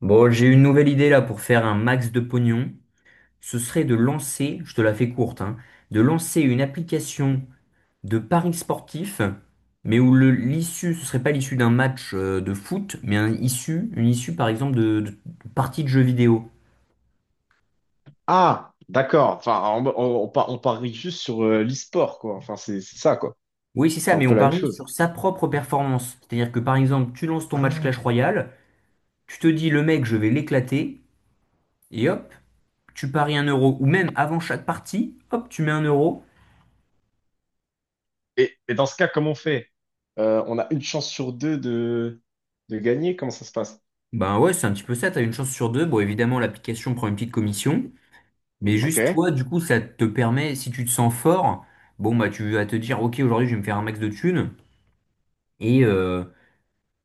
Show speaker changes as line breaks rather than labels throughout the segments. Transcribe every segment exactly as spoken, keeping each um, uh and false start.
Bon, j'ai une nouvelle idée là pour faire un max de pognon. Ce serait de lancer, je te la fais courte, hein, de lancer une application de paris sportifs, mais où le- l'issue, ce serait pas l'issue d'un match euh, de foot, mais un issue, une issue par exemple de, de partie de jeux vidéo.
Ah, d'accord. Enfin, on, on- on par- on parie juste sur euh, l'e-sport, quoi. Enfin, c'est c'est ça, quoi.
Oui, c'est ça,
C'est un
mais
peu
on
la même
parie
chose.
sur sa propre performance. C'est-à-dire que par exemple, tu lances ton match
Ah.
Clash Royale, tu te dis le mec, je vais l'éclater, et hop, tu paries un euro. Ou même avant chaque partie, hop, tu mets un euro.
Et, et dans ce cas, comment on fait? Euh, on a une chance sur deux de, de, gagner. Comment ça se passe?
Ben ouais, c'est un petit peu ça, t'as une chance sur deux. Bon, évidemment, l'application prend une petite commission, mais juste
Ok.
toi, du coup, ça te permet, si tu te sens fort, bon, bah tu vas te dire, ok, aujourd'hui, je vais me faire un max de thunes. Et euh,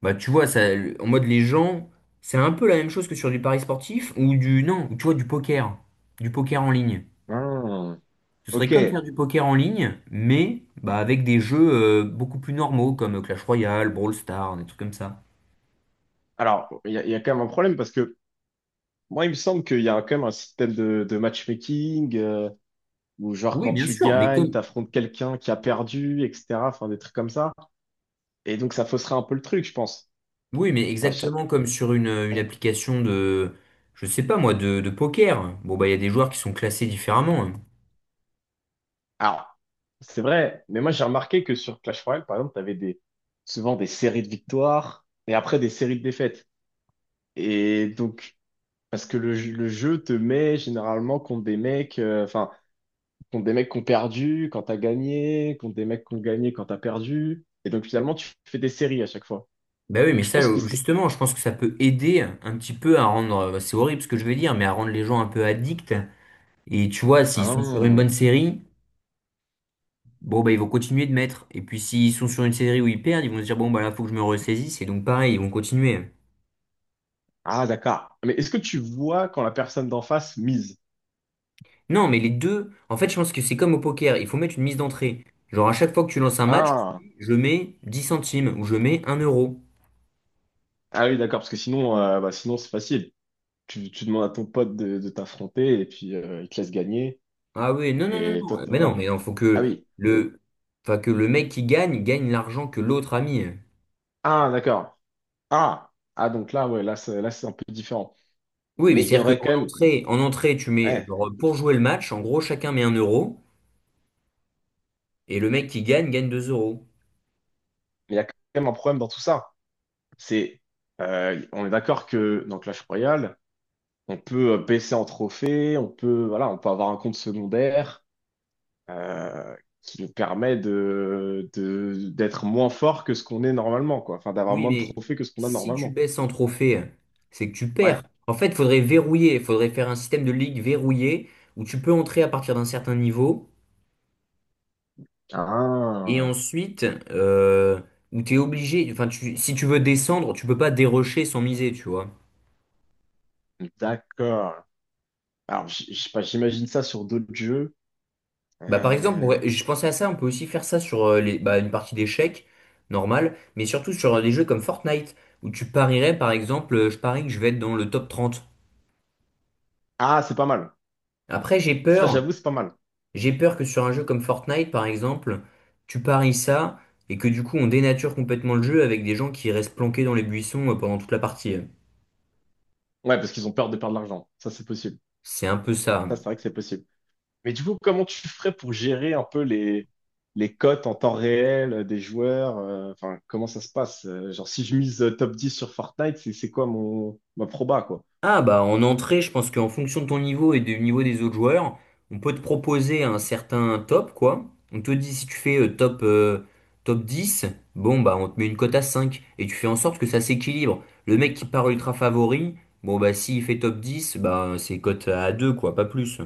bah tu vois, ça, en mode les gens, c'est un peu la même chose que sur du pari sportif ou du, non, tu vois, du poker, du poker en ligne.
Ah.
Ce serait
Ok.
comme faire du poker en ligne, mais bah, avec des jeux euh, beaucoup plus normaux, comme Clash Royale, Brawl Stars, des trucs comme ça.
Alors, il y a, il y a quand même un problème parce que moi, il me semble qu'il y a quand même un système de, de matchmaking euh, où, genre,
Oui,
quand
bien
tu
sûr, mais
gagnes,
comme,
t'affrontes quelqu'un qui a perdu, et cetera. Enfin, des trucs comme ça. Et donc, ça fausserait un peu le truc, je pense.
oui, mais
Ouais, je-
exactement comme sur une, une
ouais.
application de, je sais pas moi, de, de poker. Bon, bah, il y a des joueurs qui sont classés différemment, hein.
Alors, c'est vrai, mais moi j'ai remarqué que sur Clash Royale, par exemple, t'avais des, souvent des séries de victoires et après des séries de défaites. Et donc, parce que le, jeu le jeu te met généralement contre des mecs, euh, enfin, contre des mecs qui ont perdu quand t'as gagné, contre des mecs qui ont gagné quand t'as perdu. Et donc
Ouais.
finalement, tu fais des séries à chaque fois.
Bah oui, mais
Donc je
ça,
pense que
euh,
c'était...
justement, je pense que ça peut aider un petit peu à rendre, bah, c'est horrible ce que je vais dire, mais à rendre les gens un peu addicts. Et tu vois, s'ils sont sur une bonne
Ah,
série, bon, bah, ils vont continuer de mettre. Et puis, s'ils sont sur une série où ils perdent, ils vont se dire, bon, bah, là, faut que je me ressaisisse. Et donc, pareil, ils vont continuer.
ah, d'accord. Mais est-ce que tu vois quand la personne d'en face mise?
Non, mais les deux, en fait, je pense que c'est comme au poker, il faut mettre une mise d'entrée. Genre, à chaque fois que tu lances un match, tu te
Ah,
dis, je mets dix centimes ou je mets un euro.
ah oui, d'accord, parce que sinon, euh, bah, sinon c'est facile. Tu, tu demandes à ton pote de, de, t'affronter et puis euh, il te laisse gagner.
Ah oui, non, non, non,
Et toi,
non.
t'es-
Mais non,
voilà.
mais non, faut
Ah
que
oui.
le, enfin, que le mec qui gagne gagne l'argent que l'autre a mis.
Ah, d'accord. Ah. Ah, donc là, ouais, là, c'est, là, c'est un peu différent.
Oui, mais
Mais il y
c'est-à-dire
aurait
qu'en
quand même,
entrée, en entrée, tu mets,
ouais,
genre, pour jouer le match, en gros, chacun met un euro et le mec qui gagne gagne deux euros.
mais il y a quand même un problème dans tout ça. C'est, euh, on est d'accord que dans Clash Royale, on peut euh, baisser en trophée, on peut, voilà, on peut avoir un compte secondaire euh, qui nous permet de, de- d'être moins fort que ce qu'on est normalement, quoi. Enfin, d'avoir
Oui,
moins de
mais
trophées que ce qu'on a
si tu
normalement.
baisses en trophée, c'est que tu
Ouais.
perds. En fait, il faudrait verrouiller, il faudrait faire un système de ligue verrouillé où tu peux entrer à partir d'un certain niveau et
Ah.
ensuite euh, où tu es obligé, enfin, tu- si tu veux descendre, tu peux pas dérocher sans miser, tu vois.
D'accord. Alors, j- je sais pas, j'imagine ça sur d'autres jeux.
Bah, par exemple,
Euh,
ouais, je pensais à ça, on peut aussi faire ça sur euh, les, bah, une partie d'échecs, normal, mais surtout sur euh, des jeux comme Fortnite où tu parierais, par exemple, euh, je parie que je vais être dans le top trente.
Ah, c'est pas mal.
Après, j'ai
Ça,
peur.
j'avoue, c'est pas mal.
J'ai peur que sur un jeu comme Fortnite, par exemple, tu paries ça et que du coup on dénature complètement le jeu avec des gens qui restent planqués dans les buissons euh, pendant toute la partie.
Ouais, parce qu'ils ont peur de perdre de l'argent. Ça, c'est possible.
C'est un peu ça.
Ça, c'est vrai que c'est possible. Mais du coup, comment tu ferais pour gérer un peu les, les cotes en temps réel des joueurs? euh, Enfin, comment ça se passe? Euh, Genre, si je mise euh, top dix sur Fortnite, c'est c'est quoi mon ma proba, quoi?
Ah bah en entrée, je pense qu'en fonction de ton niveau et du niveau des autres joueurs, on peut te proposer un certain top, quoi. On te dit si tu fais euh, top, euh, top dix, bon bah on te met une cote à cinq et tu fais en sorte que ça s'équilibre. Le mec qui part ultra favori, bon bah s'il fait top dix, bah c'est cote à deux quoi, pas plus.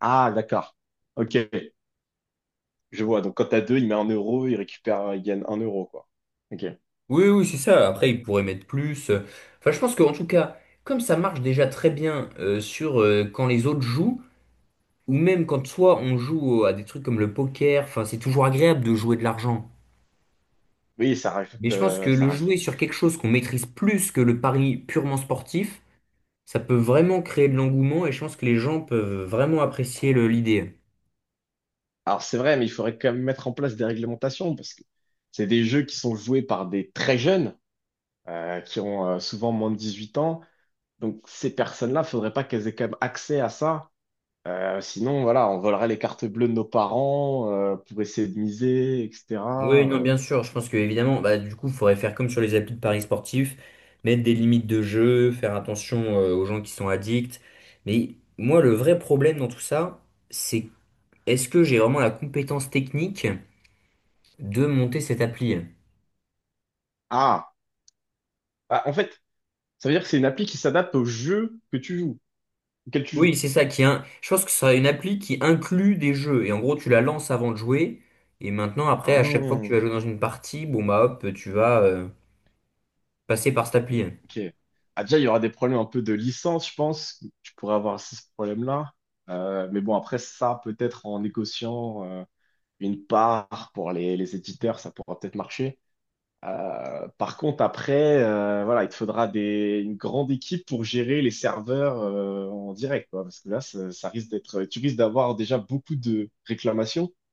Ah, d'accord. Ok, je vois. Donc, quand t'as deux, il met un euro, il récupère, il gagne un euro, quoi. Ok.
Oui, oui, c'est ça. Après,
Bon.
ils pourraient mettre plus. euh, Enfin, je pense qu'en tout cas, comme ça marche déjà très bien euh, sur euh, quand les autres jouent, ou même quand soit on joue à des trucs comme le poker, enfin, c'est toujours agréable de jouer de l'argent.
Oui, ça
Mais
rajoute,
je pense que
euh, ça
le
rajoute.
jouer sur quelque chose qu'on maîtrise plus que le pari purement sportif, ça peut vraiment créer de l'engouement et je pense que les gens peuvent vraiment apprécier le- l'idée.
Alors c'est vrai, mais il faudrait quand même mettre en place des réglementations parce que c'est des jeux qui sont joués par des très jeunes, euh, qui ont euh, souvent moins de dix-huit ans. Donc ces personnes-là, faudrait pas qu'elles aient quand même accès à ça. Euh, sinon, voilà, on volerait les cartes bleues de nos parents euh, pour essayer de miser,
Oui,
et cetera.
non,
Euh,
bien sûr. Je pense que évidemment, bah, du coup, il faudrait faire comme sur les applis de paris sportifs, mettre des limites de jeu, faire attention euh, aux gens qui sont addicts. Mais moi, le vrai problème dans tout ça, c'est est-ce que j'ai vraiment la compétence technique de monter cette appli?
Ah, Ah, en fait, ça veut dire que c'est une appli qui s'adapte au jeu que tu joues, auquel tu
Oui,
joues.
c'est ça qui est un… Je pense que ce sera une appli qui inclut des jeux. Et en gros, tu la lances avant de jouer. Et maintenant, après, à chaque fois que tu
Ah.
vas jouer dans une partie, bon bah hop, tu vas euh, passer par cette appli.
Ok. Ah, déjà, il y aura des problèmes un peu de licence, je pense. Tu pourrais avoir aussi ce problème-là. Euh, mais bon, après, ça, peut-être en négociant euh, une part pour les, les éditeurs, ça pourra peut-être marcher. Euh, par contre, après, euh, voilà, il te faudra des, une grande équipe pour gérer les serveurs euh, en direct, quoi, parce que là, ça, ça risque d'être, tu risques d'avoir déjà beaucoup de réclamations, un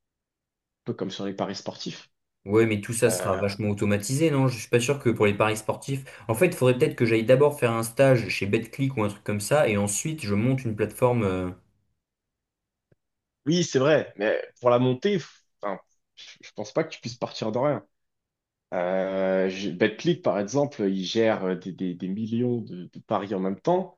peu comme sur les paris sportifs.
Ouais, mais tout ça sera
Euh,
vachement automatisé, non? Je suis pas sûr que pour les paris sportifs. En fait, il faudrait peut-être que j'aille d'abord faire un stage chez Betclic ou un truc comme ça, et ensuite je monte une plateforme. euh,
oui, c'est vrai, mais pour la montée, f- enfin, je je pense pas que tu puisses partir de rien. Euh, je- Betclic, par exemple, il gère euh, des, des- des millions de, de paris en même temps.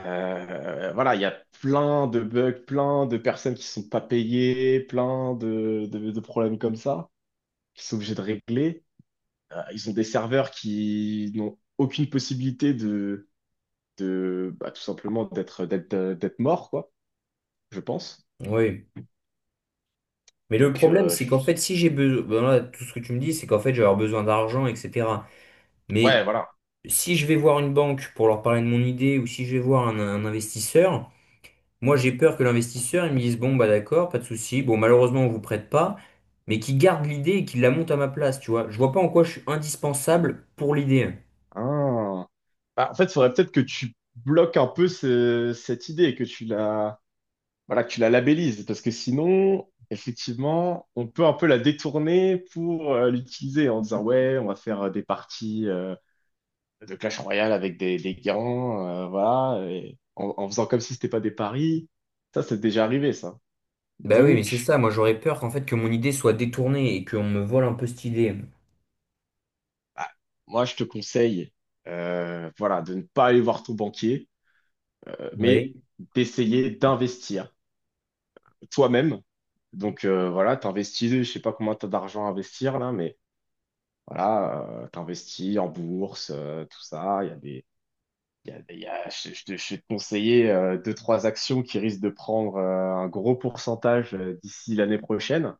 Euh, voilà, il y a plein de bugs, plein de personnes qui sont pas payées, plein de, de- de problèmes comme ça, qui sont obligés de régler. Euh, ils ont des serveurs qui n'ont aucune possibilité de, de bah, tout simplement d'être d'être euh, d'être morts, quoi, je pense.
Ouais. Mais le
Donc,
problème,
euh,
c'est qu'en
je-
fait, si j'ai besoin, ben là, tout ce que tu me dis, c'est qu'en fait, je vais avoir besoin d'argent, et cetera.
ouais,
Mais
voilà.
si je vais voir une banque pour leur parler de mon idée, ou si je vais voir un, un investisseur, moi j'ai peur que l'investisseur, il me dise, bon, bah d'accord, pas de souci, bon, malheureusement, on vous prête pas, mais qui garde l'idée et qui la monte à ma place, tu vois. Je vois pas en quoi je suis indispensable pour l'idée.
Hein. Bah, en fait, il faudrait peut-être que tu bloques un peu ce- cette idée, que tu la voilà, que tu la labellises, parce que sinon, effectivement, on peut un peu la détourner pour euh, l'utiliser en disant, ouais, on va faire euh, des parties euh, de Clash Royale avec des, des gants, euh, voilà, et en, en faisant comme si c'était pas des paris. Ça, c'est déjà arrivé, ça.
Bah oui, mais c'est
Donc,
ça. Moi, j'aurais peur qu'en fait, que mon idée soit détournée et qu'on me vole un peu cette idée.
bah, moi, je te conseille, euh, voilà, de ne pas aller voir ton banquier, euh,
Oui.
mais d'essayer d'investir toi-même. Donc, euh, voilà, t'investis, je sais pas combien t'as d'argent à investir, là, mais voilà, euh, t'investis en bourse, euh, tout ça. Il y a des, il y a, il y a- je, je te- je vais te conseiller euh, deux, trois actions qui risquent de prendre euh, un gros pourcentage euh, d'ici l'année prochaine.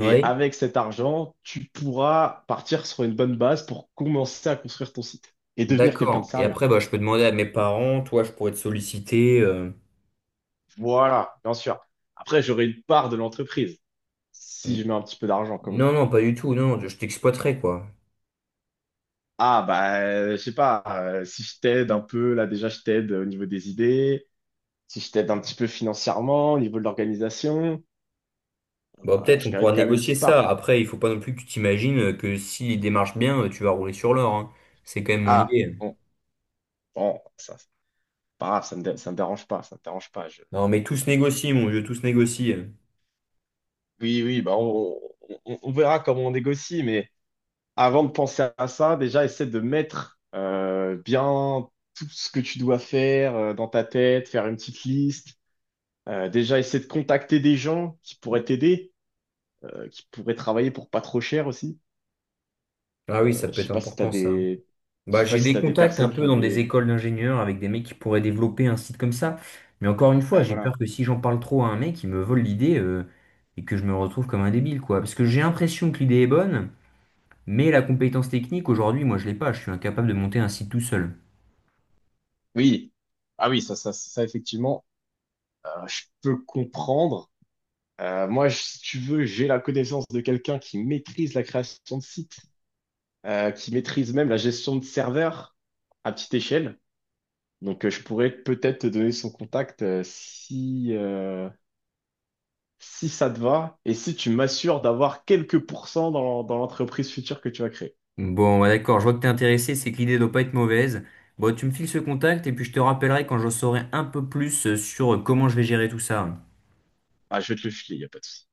Et avec cet argent, tu pourras partir sur une bonne base pour commencer à construire ton site et devenir quelqu'un de
d'accord. Et
sérieux.
après, bah, je peux demander à mes parents, toi, je pourrais te solliciter. euh,
Voilà, bien sûr. Après, j'aurai une part de l'entreprise si
n-
je mets un petit peu d'argent quand même.
Non, non, pas du tout, non, je t'exploiterai, quoi.
Ah, bah, je sais pas, euh, si je t'aide un peu, là déjà, je t'aide au niveau des idées. Si je t'aide un petit peu financièrement, au niveau de l'organisation,
Bah,
euh,
peut-être on
je
pourra
mérite quand même une
négocier
petite
ça.
part.
Après, il faut pas non plus que tu t'imagines euh, que si les démarches bien, euh, tu vas rouler sur l'or, hein. C'est quand même mon
Ah,
idée.
bon, bon, ça, c'est pas grave, ça me, dé- ça me dérange pas, ça me dérange pas. je-
Non, mais tous négocient, mon vieux, tous négocient.
Oui, oui, bah on, on- on verra comment on négocie, mais avant de penser à ça, déjà, essaie de mettre euh, bien tout ce que tu dois faire euh, dans ta tête, faire une petite liste. Euh, déjà, essaie de contacter des gens qui pourraient t'aider, euh, qui pourraient travailler pour pas trop cher aussi.
Ah oui,
Euh,
ça
je
peut être
sais pas si t'as
important, ça.
des, je
Bah,
sais pas
j'ai
si
des
t'as des
contacts un
personnes qui
peu
ont
dans des
des,
écoles d'ingénieurs avec des mecs qui pourraient développer un site comme ça. Mais encore une fois,
ouais,
j'ai
voilà.
peur que si j'en parle trop à un mec, il me vole l'idée euh, et que je me retrouve comme un débile, quoi. Parce que j'ai l'impression que l'idée est bonne, mais la compétence technique, aujourd'hui, moi, je l'ai pas. Je suis incapable de monter un site tout seul.
Oui, ah oui, ça, ça, ça effectivement, euh, je peux comprendre. Euh, moi, je- si tu veux, j'ai la connaissance de quelqu'un qui maîtrise la création de sites, euh, qui maîtrise même la gestion de serveurs à petite échelle. Donc, euh, je pourrais peut-être te donner son contact euh, si, euh, si ça te va et si tu m'assures d'avoir quelques pourcents dans, dans l'entreprise future que tu vas créer.
Bon, ouais, d'accord, je vois que t'es intéressé, c'est que l'idée doit pas être mauvaise. Bon, tu me files ce contact et puis je te rappellerai quand je saurai un peu plus euh, sur euh, comment je vais gérer tout ça.
Ah, je vais te le filer, il n'y a pas de souci.